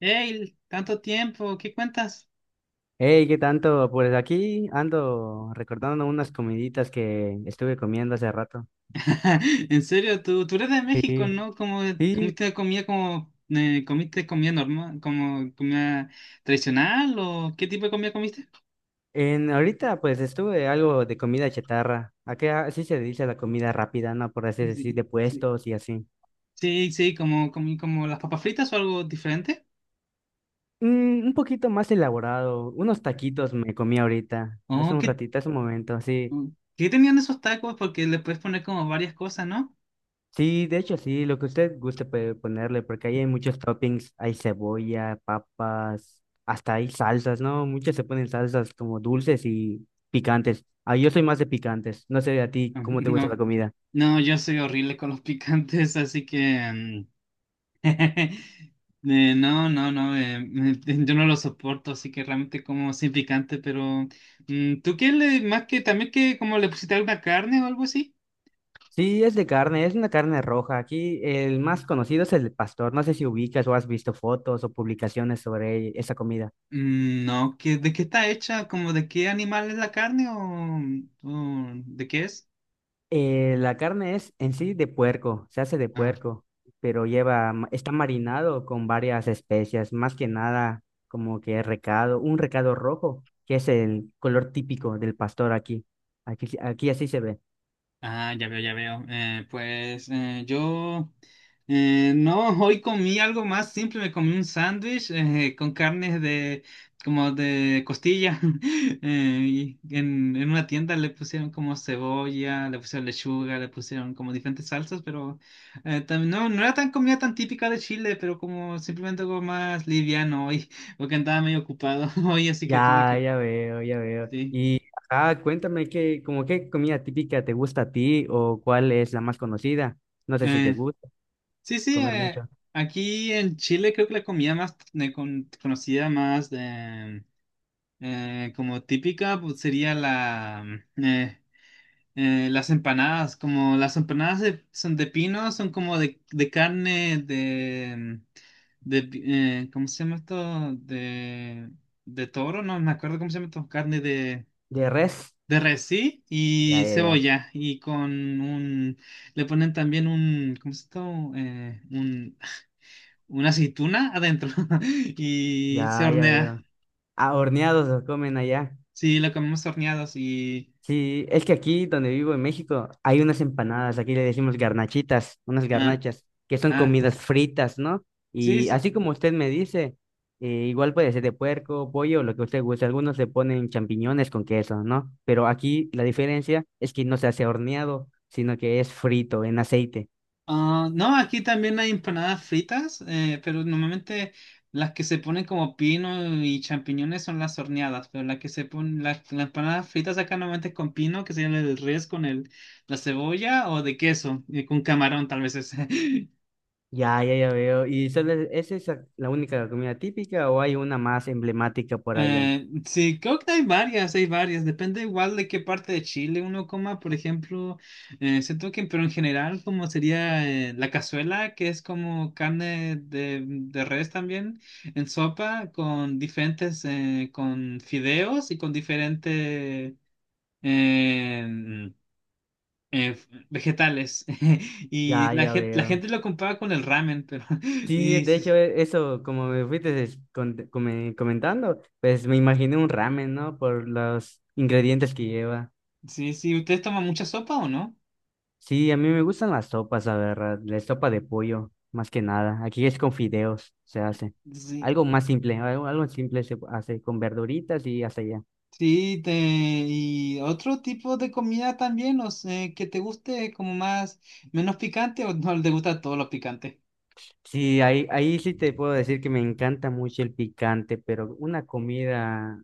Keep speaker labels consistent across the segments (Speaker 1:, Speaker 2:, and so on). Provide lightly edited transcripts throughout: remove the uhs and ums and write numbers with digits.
Speaker 1: Hey, tanto tiempo, ¿qué cuentas?
Speaker 2: Hey, ¿qué tanto? Pues aquí ando recordando unas comiditas que estuve comiendo hace rato.
Speaker 1: En serio, tú eres de
Speaker 2: Sí,
Speaker 1: México, ¿no?
Speaker 2: sí.
Speaker 1: Como comiste comida normal, como comida tradicional o ¿qué tipo de comida comiste?
Speaker 2: En ahorita pues estuve algo de comida chatarra. Acá así se dice la comida rápida, ¿no? Por así decir,
Speaker 1: Sí,
Speaker 2: de
Speaker 1: sí,
Speaker 2: puestos y así.
Speaker 1: sí, sí, como comí como las papas fritas o algo diferente.
Speaker 2: Mm, un poquito más elaborado. Unos taquitos me comí ahorita, hace
Speaker 1: Oh,
Speaker 2: un ratito, hace un momento, así.
Speaker 1: oh, ¿qué tenían esos tacos? Porque le puedes poner como varias cosas, ¿no?
Speaker 2: Sí, de hecho, sí, lo que usted guste puede ponerle, porque ahí hay muchos toppings, hay cebolla, papas, hasta hay salsas, ¿no? Muchas se ponen salsas como dulces y picantes. Ah, yo soy más de picantes, no sé a ti
Speaker 1: Ah,
Speaker 2: cómo te gusta la
Speaker 1: no,
Speaker 2: comida.
Speaker 1: no, yo soy horrible con los picantes, así que mm, No, yo no lo soporto, así que realmente como sin picante, pero mm, ¿tú qué le, más que también que como le pusiste alguna carne o algo así?
Speaker 2: Sí, es de carne, es una carne roja. Aquí el más conocido es el pastor, no sé si ubicas o has visto fotos o publicaciones sobre esa comida.
Speaker 1: Mm, no, ¿de qué está hecha? ¿Como de qué animal es la carne o de qué es?
Speaker 2: La carne es en sí de puerco, se hace de puerco, pero lleva, está marinado con varias especias, más que nada como que recado, un recado rojo, que es el color típico del pastor aquí. Aquí, aquí así se ve.
Speaker 1: Ah, ya veo, ya veo. Pues yo no, hoy comí algo más simple, me comí un sándwich con carnes de como de costilla. Y en una tienda le pusieron como cebolla, le pusieron lechuga, le pusieron como diferentes salsas, pero no, no era tan comida tan típica de Chile, pero como simplemente algo más liviano hoy, porque andaba medio ocupado hoy, así
Speaker 2: Ya,
Speaker 1: que tuve que...
Speaker 2: ya veo, ya veo.
Speaker 1: Sí.
Speaker 2: Y ajá, cuéntame qué, como qué comida típica te gusta a ti o cuál es la más conocida. No sé si te
Speaker 1: eh,
Speaker 2: gusta
Speaker 1: Sí, sí,
Speaker 2: comer
Speaker 1: eh,
Speaker 2: mucho.
Speaker 1: aquí en Chile creo que la comida más conocida, más de, como típica, pues sería la, eh, las empanadas. Como las empanadas son de pino, son como de carne, de, ¿cómo se llama esto? De toro, no me acuerdo cómo se llama esto, carne
Speaker 2: ¿De res?
Speaker 1: de res, sí,
Speaker 2: Ya,
Speaker 1: y
Speaker 2: ya, ya.
Speaker 1: cebolla, y con un, le ponen también un, ¿cómo se llama esto? Un una aceituna adentro y se
Speaker 2: Ya, ya
Speaker 1: hornea.
Speaker 2: veo. Ah, horneados los comen allá.
Speaker 1: Sí, lo comemos horneados y...
Speaker 2: Sí, es que aquí donde vivo en México hay unas empanadas, aquí le decimos garnachitas, unas
Speaker 1: Ah,
Speaker 2: garnachas, que son
Speaker 1: ah,
Speaker 2: comidas fritas, ¿no?
Speaker 1: sí,
Speaker 2: Y
Speaker 1: sí.
Speaker 2: así como usted me dice, igual puede ser de puerco, pollo, lo que usted guste. Algunos le ponen champiñones con queso, ¿no? Pero aquí la diferencia es que no se hace horneado, sino que es frito en aceite.
Speaker 1: Ah, no, aquí también hay empanadas fritas, pero normalmente las que se ponen como pino y champiñones son las horneadas, pero las que se ponen, las empanadas fritas acá normalmente es con pino, que sería el del res con el, la cebolla o de queso, con camarón tal vez es.
Speaker 2: Ya, ya, ya veo. ¿Y solo es esa la única comida típica o hay una más emblemática por allá?
Speaker 1: Sí, creo que hay varias, hay varias. Depende igual de qué parte de Chile uno coma. Por ejemplo, siento que, pero en general, como sería la cazuela, que es como carne de res también, en sopa, con diferentes, con fideos y con diferentes vegetales. Y
Speaker 2: Ya, ya
Speaker 1: la
Speaker 2: veo.
Speaker 1: gente lo compara con el ramen, pero
Speaker 2: Sí,
Speaker 1: y,
Speaker 2: de
Speaker 1: sí,
Speaker 2: hecho, eso, como me fuiste comentando, pues me imaginé un ramen, ¿no? Por los ingredientes que lleva.
Speaker 1: sí, sí, ¿ustedes toman mucha sopa o no?
Speaker 2: Sí, a mí me gustan las sopas, la verdad, la sopa de pollo, más que nada. Aquí es con fideos, se hace.
Speaker 1: Sí.
Speaker 2: Algo más simple, algo simple se hace con verduritas y hasta allá.
Speaker 1: Sí, te, y otro tipo de comida también, no sé, que te guste como más, menos picante o no te gusta todos los picantes.
Speaker 2: Sí, ahí sí te puedo decir que me encanta mucho el picante, pero una comida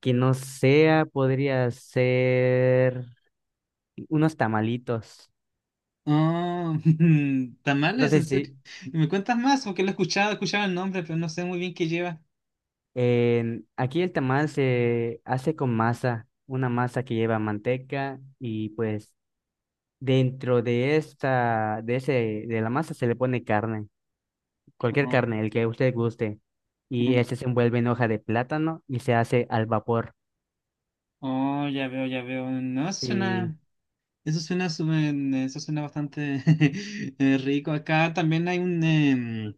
Speaker 2: que no sea podría ser unos tamalitos.
Speaker 1: Ah,
Speaker 2: No
Speaker 1: tamales,
Speaker 2: sé
Speaker 1: en
Speaker 2: si,
Speaker 1: serio. ¿Me cuentas más? Porque lo he escuchado el nombre, pero no sé muy bien qué lleva.
Speaker 2: Aquí el tamal se hace con masa, una masa que lleva manteca y pues dentro de la masa se le pone carne, cualquier
Speaker 1: Oh,
Speaker 2: carne, el que usted guste, y
Speaker 1: mm,
Speaker 2: este se envuelve en hoja de plátano y se hace al vapor.
Speaker 1: oh, ya veo, ya veo. No, eso
Speaker 2: Y
Speaker 1: suena, eso suena bastante rico. Acá también hay un,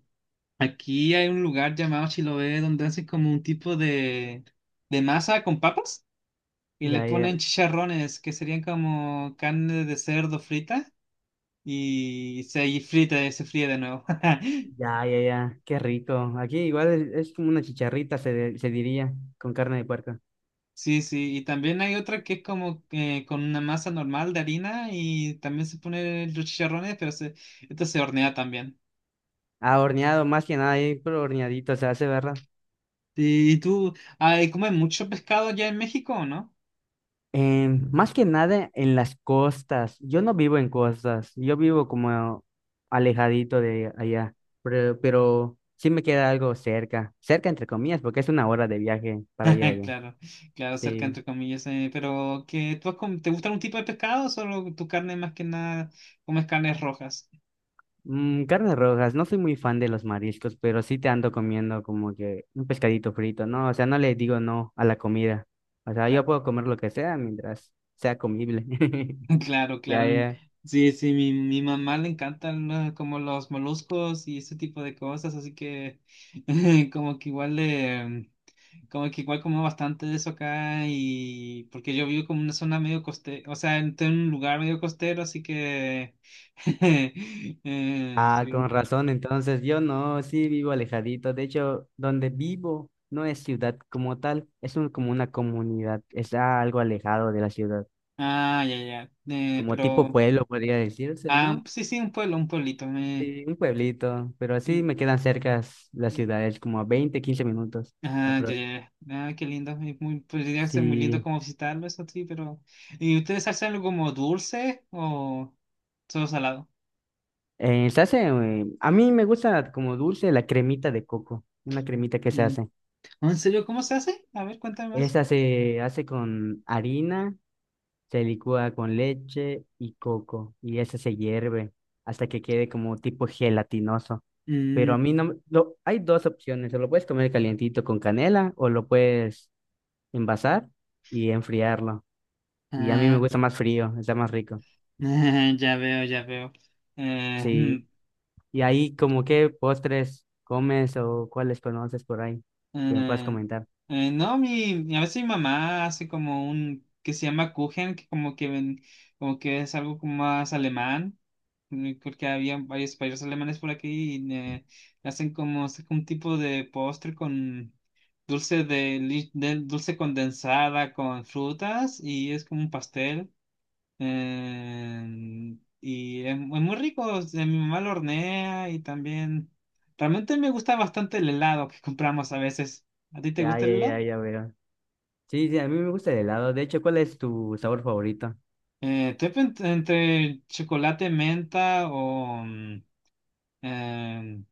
Speaker 1: aquí hay un lugar llamado Chiloé donde hacen como un tipo de masa con papas. Y le
Speaker 2: ya, ya,
Speaker 1: ponen chicharrones, que serían como carne de cerdo frita, y se ahí frita, se fríe de nuevo.
Speaker 2: ya, ya, ya, qué rico. Aquí igual es como una chicharrita, se diría, con carne de puerco.
Speaker 1: Sí, sí, y también hay otra que es como con una masa normal de harina y también se pone los chicharrones, pero se, esto se hornea también.
Speaker 2: Ah, horneado, más que nada, ahí, pero horneadito se hace, ¿verdad?
Speaker 1: Sí, ¿y tú, ay, comen mucho pescado allá en México o no?
Speaker 2: Más que nada en las costas. Yo no vivo en costas, yo vivo como alejadito de allá, pero sí me queda algo cerca, cerca entre comillas, porque es una hora de viaje para ir allá.
Speaker 1: Claro, claro, cerca
Speaker 2: Sí.
Speaker 1: entre comillas, pero que ¿te gusta algún tipo de pescado o solo tu carne más que nada comes carnes rojas?
Speaker 2: Mm, carnes rojas, no soy muy fan de los mariscos, pero sí te ando comiendo como que un pescadito frito, ¿no? O sea, no le digo no a la comida. O sea, yo puedo comer lo que sea mientras sea comible.
Speaker 1: Claro, claro.
Speaker 2: Ya, ya.
Speaker 1: Sí, sí, mi mamá le encantan, ¿no?, como los moluscos y ese tipo de cosas, así que como que igual le, como que igual como bastante de eso acá y porque yo vivo como en una zona medio costera, o sea, en un lugar medio costero, así que
Speaker 2: Ah, con
Speaker 1: sí.
Speaker 2: razón, entonces yo no, sí vivo alejadito. De hecho, donde vivo no es ciudad como tal, es como una comunidad, está algo alejado de la ciudad,
Speaker 1: Ah, ya, ya.
Speaker 2: como
Speaker 1: Pero,
Speaker 2: tipo pueblo podría decirse,
Speaker 1: ah,
Speaker 2: ¿no?
Speaker 1: sí, sí, un pueblo, un pueblito.
Speaker 2: Sí, un pueblito, pero así
Speaker 1: Y-
Speaker 2: me quedan cerca las
Speaker 1: y-
Speaker 2: ciudades, como a 20 15 minutos.
Speaker 1: Ah, ya,
Speaker 2: Apro-
Speaker 1: ya, ya. Ah, qué lindo. Es podría ser muy lindo
Speaker 2: Sí,
Speaker 1: como visitarlo, eso sí, pero. ¿Y ustedes hacen algo como dulce o solo salado?
Speaker 2: se hace, a mí me gusta como dulce la cremita de coco, una cremita que se
Speaker 1: Mm.
Speaker 2: hace.
Speaker 1: ¿En serio cómo se hace? A ver, cuéntame más.
Speaker 2: Esa se hace con harina. Se licúa con leche y coco y ese se hierve hasta que quede como tipo gelatinoso. Pero a
Speaker 1: Mm,
Speaker 2: mí no me- lo, hay dos opciones, o lo puedes comer calientito con canela o lo puedes envasar y enfriarlo. Y a mí me
Speaker 1: ah,
Speaker 2: gusta más frío, está más rico.
Speaker 1: ya veo, ya veo. Eh,
Speaker 2: Sí. Y ahí como qué postres comes o cuáles conoces por ahí que me puedas
Speaker 1: Eh,
Speaker 2: comentar.
Speaker 1: no, a veces mi mamá hace como un que se llama Kuchen, que como que ven, como que es algo como más alemán, porque había varios países alemanes por aquí y hacen como es un tipo de postre con dulce de, dulce condensada con frutas y es como un pastel. Y es muy rico, o sea, mi mamá lo hornea y también... Realmente me gusta bastante el helado que compramos a veces. ¿A ti te
Speaker 2: Ya,
Speaker 1: gusta
Speaker 2: ya,
Speaker 1: el
Speaker 2: ya,
Speaker 1: helado?
Speaker 2: ya veo. Sí, sí, a mí me gusta el helado. De hecho, ¿cuál es tu sabor favorito?
Speaker 1: Entre chocolate menta o, mm, eh,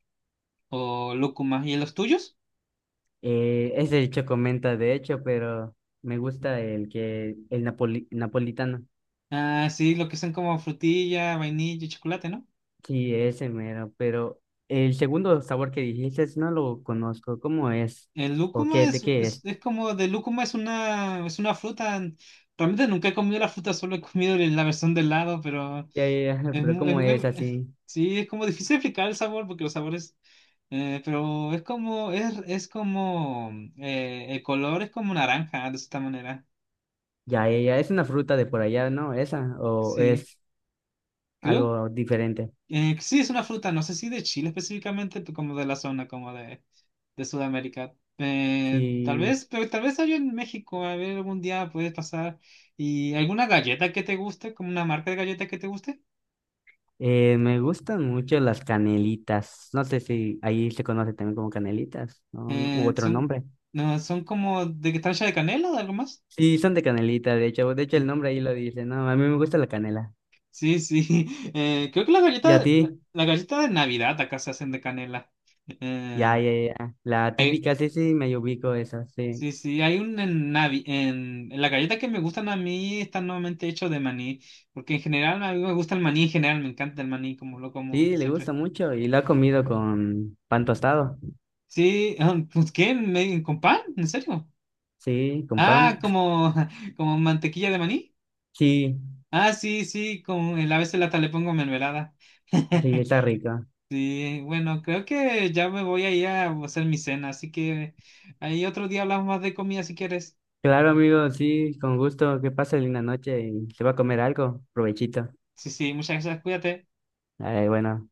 Speaker 1: o lúcuma. ¿Y los tuyos?
Speaker 2: Ese el chocomenta, de hecho, pero me gusta el que el napoli- napolitano.
Speaker 1: Ah, sí, lo que son como frutilla, vainilla y chocolate, ¿no?
Speaker 2: Sí, ese mero, pero el segundo sabor que dijiste no lo conozco. ¿Cómo es?
Speaker 1: El
Speaker 2: ¿O
Speaker 1: lúcuma
Speaker 2: qué? ¿De
Speaker 1: es,
Speaker 2: qué es?
Speaker 1: es como de lúcuma es una fruta. Realmente nunca he comido la fruta, solo he comido la versión de helado, pero
Speaker 2: Ya, ya, ya,
Speaker 1: es
Speaker 2: pero ¿cómo es así?
Speaker 1: sí, es como difícil explicar el sabor porque los sabores, pero es como, el color es como naranja, de esta manera.
Speaker 2: Ya, ya, ya, es una fruta de por allá, ¿no? Esa, o
Speaker 1: Sí,
Speaker 2: es
Speaker 1: creo
Speaker 2: algo diferente.
Speaker 1: que sí es una fruta, no sé si de Chile específicamente, pero como de la zona, como de Sudamérica. Tal
Speaker 2: Sí,
Speaker 1: vez, pero tal vez hay en México, a ver, algún día puedes pasar. ¿Y alguna galleta que te guste, como una marca de galleta que te guste?
Speaker 2: me gustan mucho las canelitas. No sé si ahí se conoce también como canelitas, ¿no? U
Speaker 1: Eh,
Speaker 2: otro
Speaker 1: son,
Speaker 2: nombre.
Speaker 1: no, son como de que están hechas de canela o de algo más.
Speaker 2: Sí, son de canelita, de hecho. De hecho, el nombre ahí lo dice. No, a mí me gusta la canela.
Speaker 1: Sí, sí. Creo que la
Speaker 2: ¿Y a
Speaker 1: galleta,
Speaker 2: ti?
Speaker 1: la galleta de Navidad acá se hacen de canela.
Speaker 2: Ya,
Speaker 1: Eh,
Speaker 2: ya, ya. La
Speaker 1: hay-
Speaker 2: típica, sí, sí, me ubico esa, sí.
Speaker 1: sí, sí, hay un en la galleta que me gustan a mí están nuevamente hechos de maní, porque en general a mí me gusta el maní en general, me encanta el maní como lo como
Speaker 2: Sí, le
Speaker 1: siempre.
Speaker 2: gusta mucho y lo ha comido con pan tostado.
Speaker 1: Sí, ah, pues ¿qué? ¿Con pan? ¿En serio?
Speaker 2: Sí, con
Speaker 1: Ah,
Speaker 2: pan.
Speaker 1: como, como mantequilla de maní.
Speaker 2: Sí,
Speaker 1: Ah, sí, sí, como a veces hasta le pongo mermelada.
Speaker 2: sí, está rico.
Speaker 1: Sí, bueno, creo que ya me voy a ir a hacer mi cena, así que ahí otro día hablamos más de comida si quieres.
Speaker 2: Claro, amigo, sí, con gusto. Que pase linda noche y se va a comer algo. Provechito.
Speaker 1: Sí, sí, muchas gracias, cuídate.
Speaker 2: Ay, bueno.